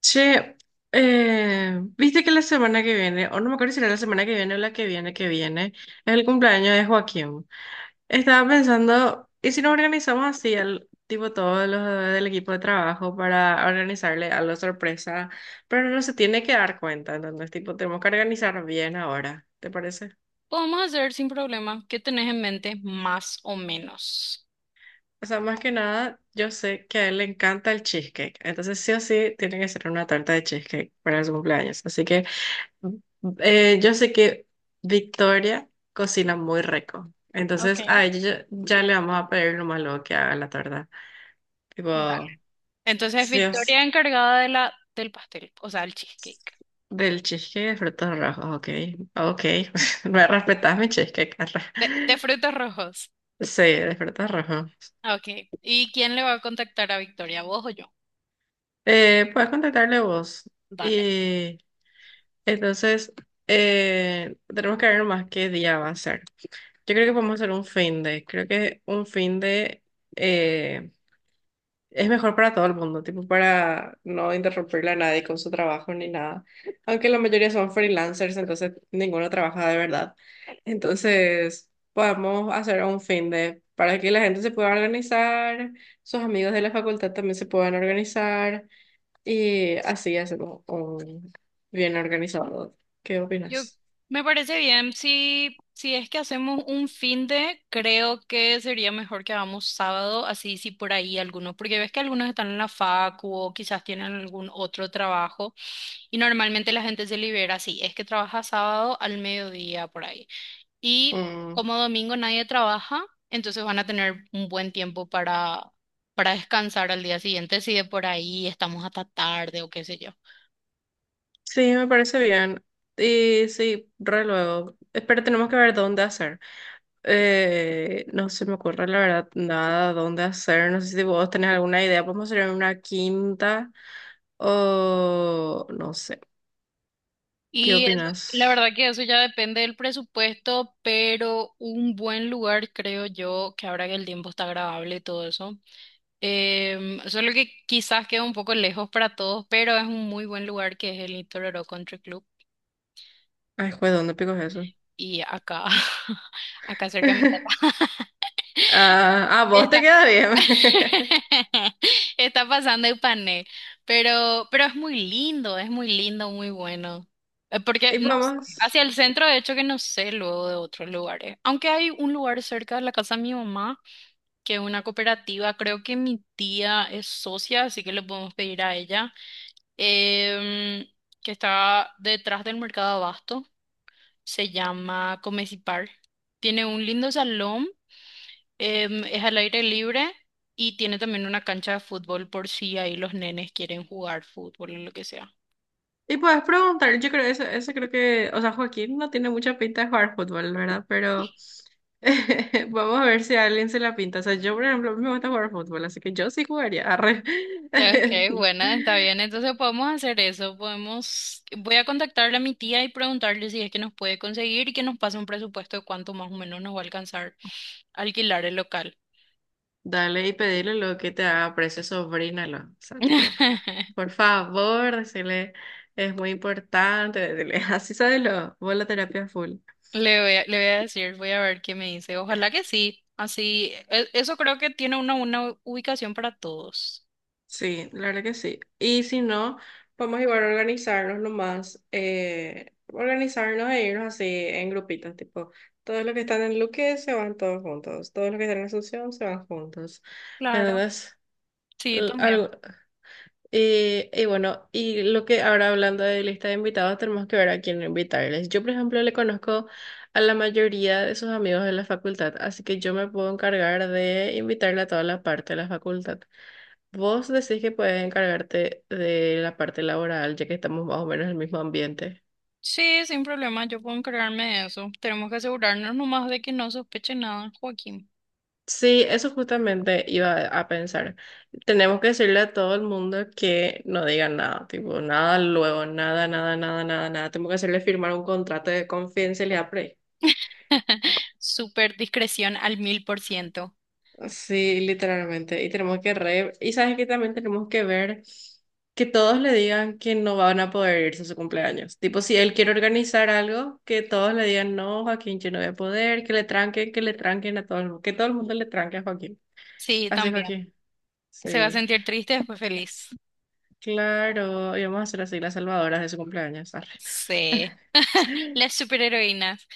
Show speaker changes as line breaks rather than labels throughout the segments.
Che, viste que la semana que viene, o no me acuerdo si era la semana que viene o la que viene, es el cumpleaños de Joaquín. Estaba pensando, ¿y si nos organizamos así, al, tipo todos los del equipo de trabajo, para organizarle algo sorpresa? Pero no se tiene que dar cuenta, entonces, tipo, tenemos que organizar bien ahora, ¿te parece?
Podemos hacer sin problema. ¿Qué tenés en mente más o menos?
O sea, más que nada, yo sé que a él le encanta el cheesecake, entonces sí o sí tiene que ser una tarta de cheesecake para su cumpleaños. Así que yo sé que Victoria cocina muy rico.
Ok,
Entonces, a ella ya, ya le vamos a pedir nomás luego que haga la torta.
dale.
Tipo,
Entonces,
sí o sí.
Victoria encargada de del pastel, o sea, el cheesecake.
Del cheesecake de frutos rojos, ok. Ok. Me respetas mi cheesecake, Carla.
De frutos rojos.
Sí, de frutos rojos.
Ok. ¿Y quién le va a contactar a Victoria? ¿Vos o yo?
Puedes contactarle vos.
Dale.
Y entonces, tenemos que ver nomás qué día va a ser. Yo creo que
Ok.
podemos hacer un fin de. Creo que un fin de. eh, es mejor para todo el mundo, tipo para no interrumpirle a nadie con su trabajo ni nada. Aunque la mayoría son freelancers, entonces ninguno trabaja de verdad. Entonces, podemos hacer un fin de para que la gente se pueda organizar, sus amigos de la facultad también se puedan organizar y así hacemos un bien organizado. ¿Qué
Yo
opinas?
me parece bien. Si es que hacemos un fin de, creo que sería mejor que hagamos sábado, así si por ahí algunos, porque ves que algunos están en la facu o quizás tienen algún otro trabajo. Y normalmente la gente se libera así, es que trabaja sábado al mediodía por ahí. Y
Mm,
como domingo nadie trabaja, entonces van a tener un buen tiempo para descansar al día siguiente, si de por ahí estamos hasta tarde o qué sé yo.
sí, me parece bien. Y sí, re luego. Pero tenemos que ver dónde hacer. No se me ocurre la verdad nada dónde hacer. No sé si vos tenés alguna idea. ¿Podemos hacer en una quinta? O no sé. ¿Qué
Y eso, la
opinas?
verdad que eso ya depende del presupuesto, pero un buen lugar creo yo, que ahora que el tiempo está agradable y todo eso, solo que quizás queda un poco lejos para todos, pero es un muy buen lugar que es el Itororó Country Club.
Ay, juez, ¿dónde pico es eso?
Y acá, acá cerca de mi casa,
Ah, a vos te
está,
queda bien.
está pasando el pané, pero es muy lindo, muy bueno. Porque
Y
no sé, hacia
podemos.
el centro, de hecho, que no sé luego de otros lugares. Aunque hay un lugar cerca de la casa de mi mamá, que es una cooperativa, creo que mi tía es socia, así que le podemos pedir a ella, em, que está detrás del mercado Abasto, se llama Comecipar. Tiene un lindo salón, es al aire libre y tiene también una cancha de fútbol por si ahí los nenes quieren jugar fútbol o lo que sea.
Y puedes preguntar. Yo creo eso, eso creo que. O sea, Joaquín no tiene mucha pinta de jugar fútbol, ¿verdad? Pero vamos a ver si a alguien se la pinta. O sea, yo, por ejemplo, me gusta jugar fútbol, así que yo sí jugaría. Arre.
Okay, bueno, está bien. Entonces podemos hacer eso. Podemos, voy a contactarle a mi tía y preguntarle si es que nos puede conseguir y que nos pase un presupuesto de cuánto más o menos nos va a alcanzar alquilar el local.
Dale y pedirle lo que te haga precio, sobrínalo. O sea, tipo, por favor, decirle, es muy importante, decirle, así sabelo, vos la terapia full.
Le voy a decir, voy a ver qué me dice. Ojalá que sí. Así, eso creo que tiene una ubicación para todos.
Sí, la verdad que sí. Y si no, vamos igual a organizarnos nomás, organizarnos e irnos así en grupitos, tipo, todos los que están en Luque se van todos juntos, todos los que están en Asunción se van juntos.
Claro.
Entonces,
Sí, también.
y bueno, y lo que ahora hablando de lista de invitados, tenemos que ver a quién invitarles. Yo, por ejemplo, le conozco a la mayoría de sus amigos de la facultad, así que yo me puedo encargar de invitarle a toda la parte de la facultad. Vos decís que puedes encargarte de la parte laboral, ya que estamos más o menos en el mismo ambiente.
Sí, sin problema, yo puedo encargarme de eso. Tenemos que asegurarnos nomás de que no sospeche nada, Joaquín.
Sí, eso justamente iba a pensar. Tenemos que decirle a todo el mundo que no digan nada, tipo nada luego, nada, nada, nada, nada, nada. Tenemos que hacerle firmar un contrato de confidencialidad pre.
Súper discreción al mil por ciento.
Sí, literalmente. Y tenemos que re... Y sabes que también tenemos que ver que todos le digan que no van a poder irse a su cumpleaños. Tipo, si él quiere organizar algo, que todos le digan, no, Joaquín, yo no voy a poder, que le tranquen a todo el mundo, que todo el mundo le tranque a Joaquín.
Sí,
Así,
también.
Joaquín.
Se va a
Sí,
sentir triste después feliz.
claro. Y vamos a hacer así las salvadoras de su cumpleaños. Arre.
Sí. Las superheroínas.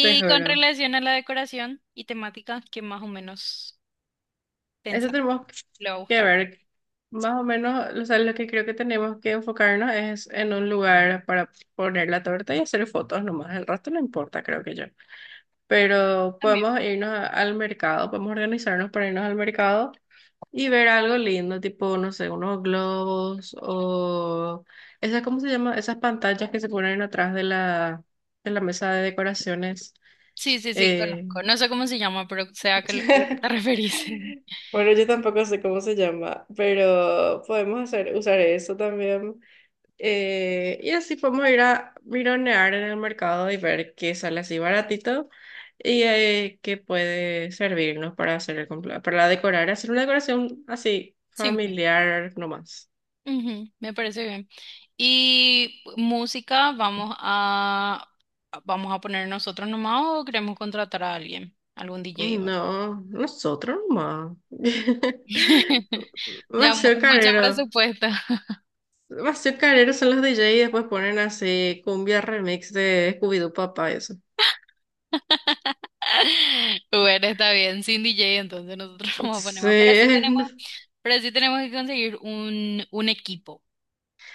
Te
con
juro.
relación a la decoración y temática, que más o menos
Eso
pensa,
tenemos
le va a
que
gustar.
ver. Más o menos, o sea, lo que creo que tenemos que enfocarnos es en un lugar para poner la torta y hacer fotos nomás. El resto no importa, creo que yo. Pero
También.
podemos irnos a- al mercado, podemos organizarnos para irnos al mercado y ver algo lindo, tipo, no sé, unos globos o esas, ¿cómo se llama? Esas pantallas que se ponen atrás de la mesa de decoraciones.
Sí, sí, sí,
eh,
conozco. No sé cómo se llama, pero sé a, a lo que te referís.
Bueno, yo tampoco sé cómo se llama, pero podemos hacer, usar eso también. Y así podemos ir a mironear en el mercado y ver qué sale así baratito y qué puede servirnos para hacer el cumplea- para decorar, hacer una decoración así
Simple.
familiar nomás.
Ujú, me parece bien. Y música, vamos a poner nosotros nomás o queremos contratar a alguien, algún DJ o algo.
No, nosotros nomás.
Ya
Demasiado
mucho
carero.
presupuesto.
Bastard Carrero son los DJ y después ponen así cumbia remix de Scooby-Doo Papá, eso.
Bueno, está bien, sin DJ, entonces nosotros nos
Sí,
ponemos. Pero sí tenemos que conseguir un equipo.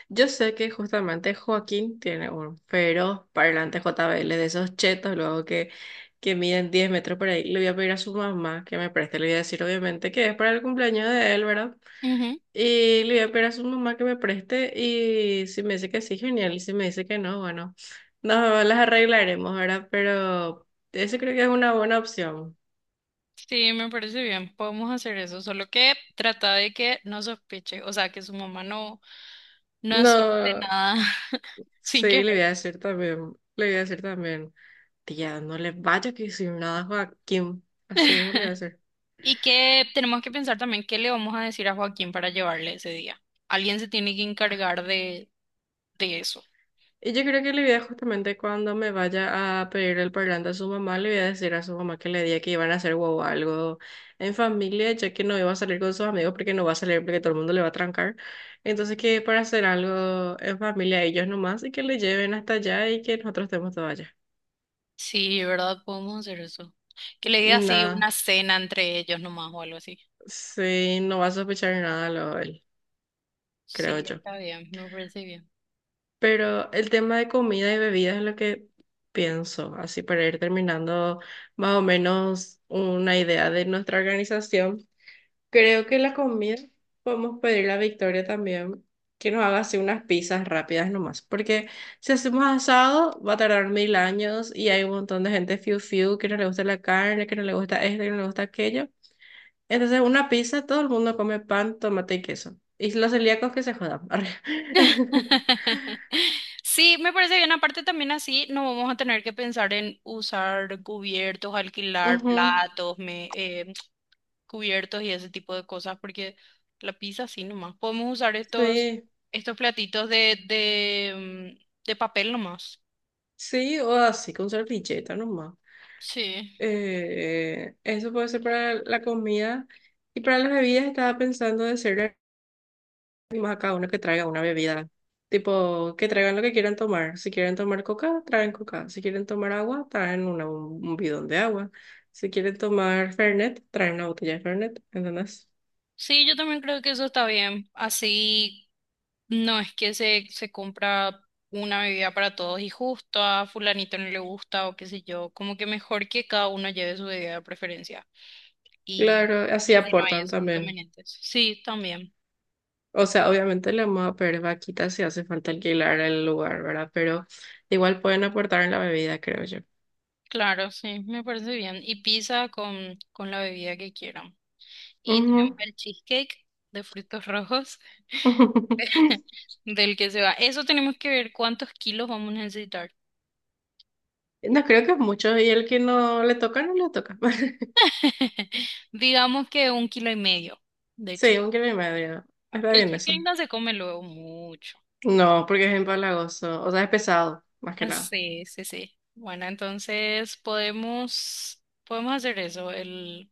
yo sé que justamente Joaquín tiene un pero parlante JBL de esos chetos, luego que miden 10 metros por ahí. Le voy a pedir a su mamá que me preste, le voy a decir obviamente que es para el cumpleaños de él, ¿verdad? Y le voy a pedir a su mamá que me preste y si me dice que sí, genial, y si me dice que no, bueno, nos las arreglaremos, ¿verdad? Pero eso creo que es una buena opción.
Sí, me parece bien, podemos hacer eso, solo que trata de que no sospeche, o sea, que su mamá no, no sospeche
No,
nada sin
sí, le
querer.
voy a decir también, le voy a decir también, tía, no le vaya a decir nada a Joaquín, así mismo le voy a decir.
Y que tenemos que pensar también qué le vamos a decir a Joaquín para llevarle ese día. Alguien se tiene que encargar de eso.
Y yo creo que le voy a justamente cuando me vaya a pedir el parlante a su mamá, le voy a decir a su mamá que le diga que iban a hacer huevo algo en familia, ya que no iba a salir con sus amigos porque no va a salir porque todo el mundo le va a trancar. Entonces que para hacer algo en familia ellos nomás y que le lleven hasta allá y que nosotros estemos todos allá.
Sí, ¿verdad? Podemos hacer eso. Que le diga así
Nada,
una cena entre ellos nomás o algo así.
sí, no va a sospechar nada lo él, creo
Sí,
yo.
está bien, me parece bien.
Pero el tema de comida y bebida es lo que pienso, así para ir terminando más o menos una idea de nuestra organización. Creo que la comida podemos pedirle a Victoria también que nos haga así unas pizzas rápidas nomás, porque si hacemos asado va a tardar mil años y hay un montón de gente fiu fiu que no le gusta la carne, que no le gusta esto, que no le gusta aquello. Entonces una pizza, todo el mundo come pan, tomate y queso. Y los celíacos que se jodan. Arre.
Sí, me parece bien. Aparte también así no vamos a tener que pensar en usar cubiertos, alquilar
Ujú.
platos, me, cubiertos y ese tipo de cosas, porque la pizza sí nomás. Podemos usar estos,
Sí,
estos platitos de, de papel nomás.
sí, o así con servilleta nomás.
Sí.
Eso puede ser para la comida. Y para las bebidas estaba pensando de hacerle más a cada uno que traiga una bebida. Tipo, que traigan lo que quieran tomar. Si quieren tomar coca, traen coca. Si quieren tomar agua, traen un bidón de agua. Si quieren tomar Fernet, traen una botella de Fernet. ¿Entendés?
Sí, yo también creo que eso está bien. Así no, es que se compra una bebida para todos y justo a fulanito no le gusta o qué sé yo, como que mejor que cada uno lleve su bebida de preferencia y,
Claro, así
y así no hay
aportan
esos
también.
inconvenientes. Sí, también,
O sea, obviamente le vamos a pedir vaquita si hace falta alquilar el lugar, ¿verdad? Pero igual pueden aportar en la bebida, creo yo.
claro, sí, me parece bien. Y pizza con la bebida que quieran. Y tenemos
Ujú.
el cheesecake de frutos rojos del que se va. Eso tenemos que ver cuántos kilos vamos a necesitar.
No creo que es mucho. Y el que no le toca, no le toca.
Digamos que un kilo y medio de
Sí,
cheesecake.
1 kilo y medio. Está
El
bien eso.
cheesecake no se come luego mucho.
No, porque es empalagoso. O sea, es pesado, más que nada.
Sí, sí, sí. Bueno, entonces podemos, podemos hacer eso,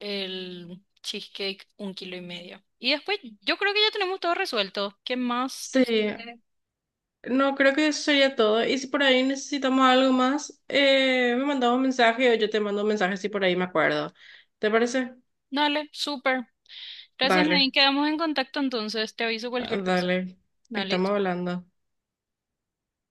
el cheesecake un kilo y medio. Y después yo creo que ya tenemos todo resuelto. ¿Qué más
Sí,
decir?
no, creo que eso sería todo. Y si por ahí necesitamos algo más, me mandamos un mensaje o yo te mando un mensaje si por ahí me acuerdo. ¿Te parece?
Dale, súper. Gracias, Nadine.
Vale.
Quedamos en contacto entonces. Te aviso
Ah,
cualquier cosa.
dale,
Dale.
estamos hablando.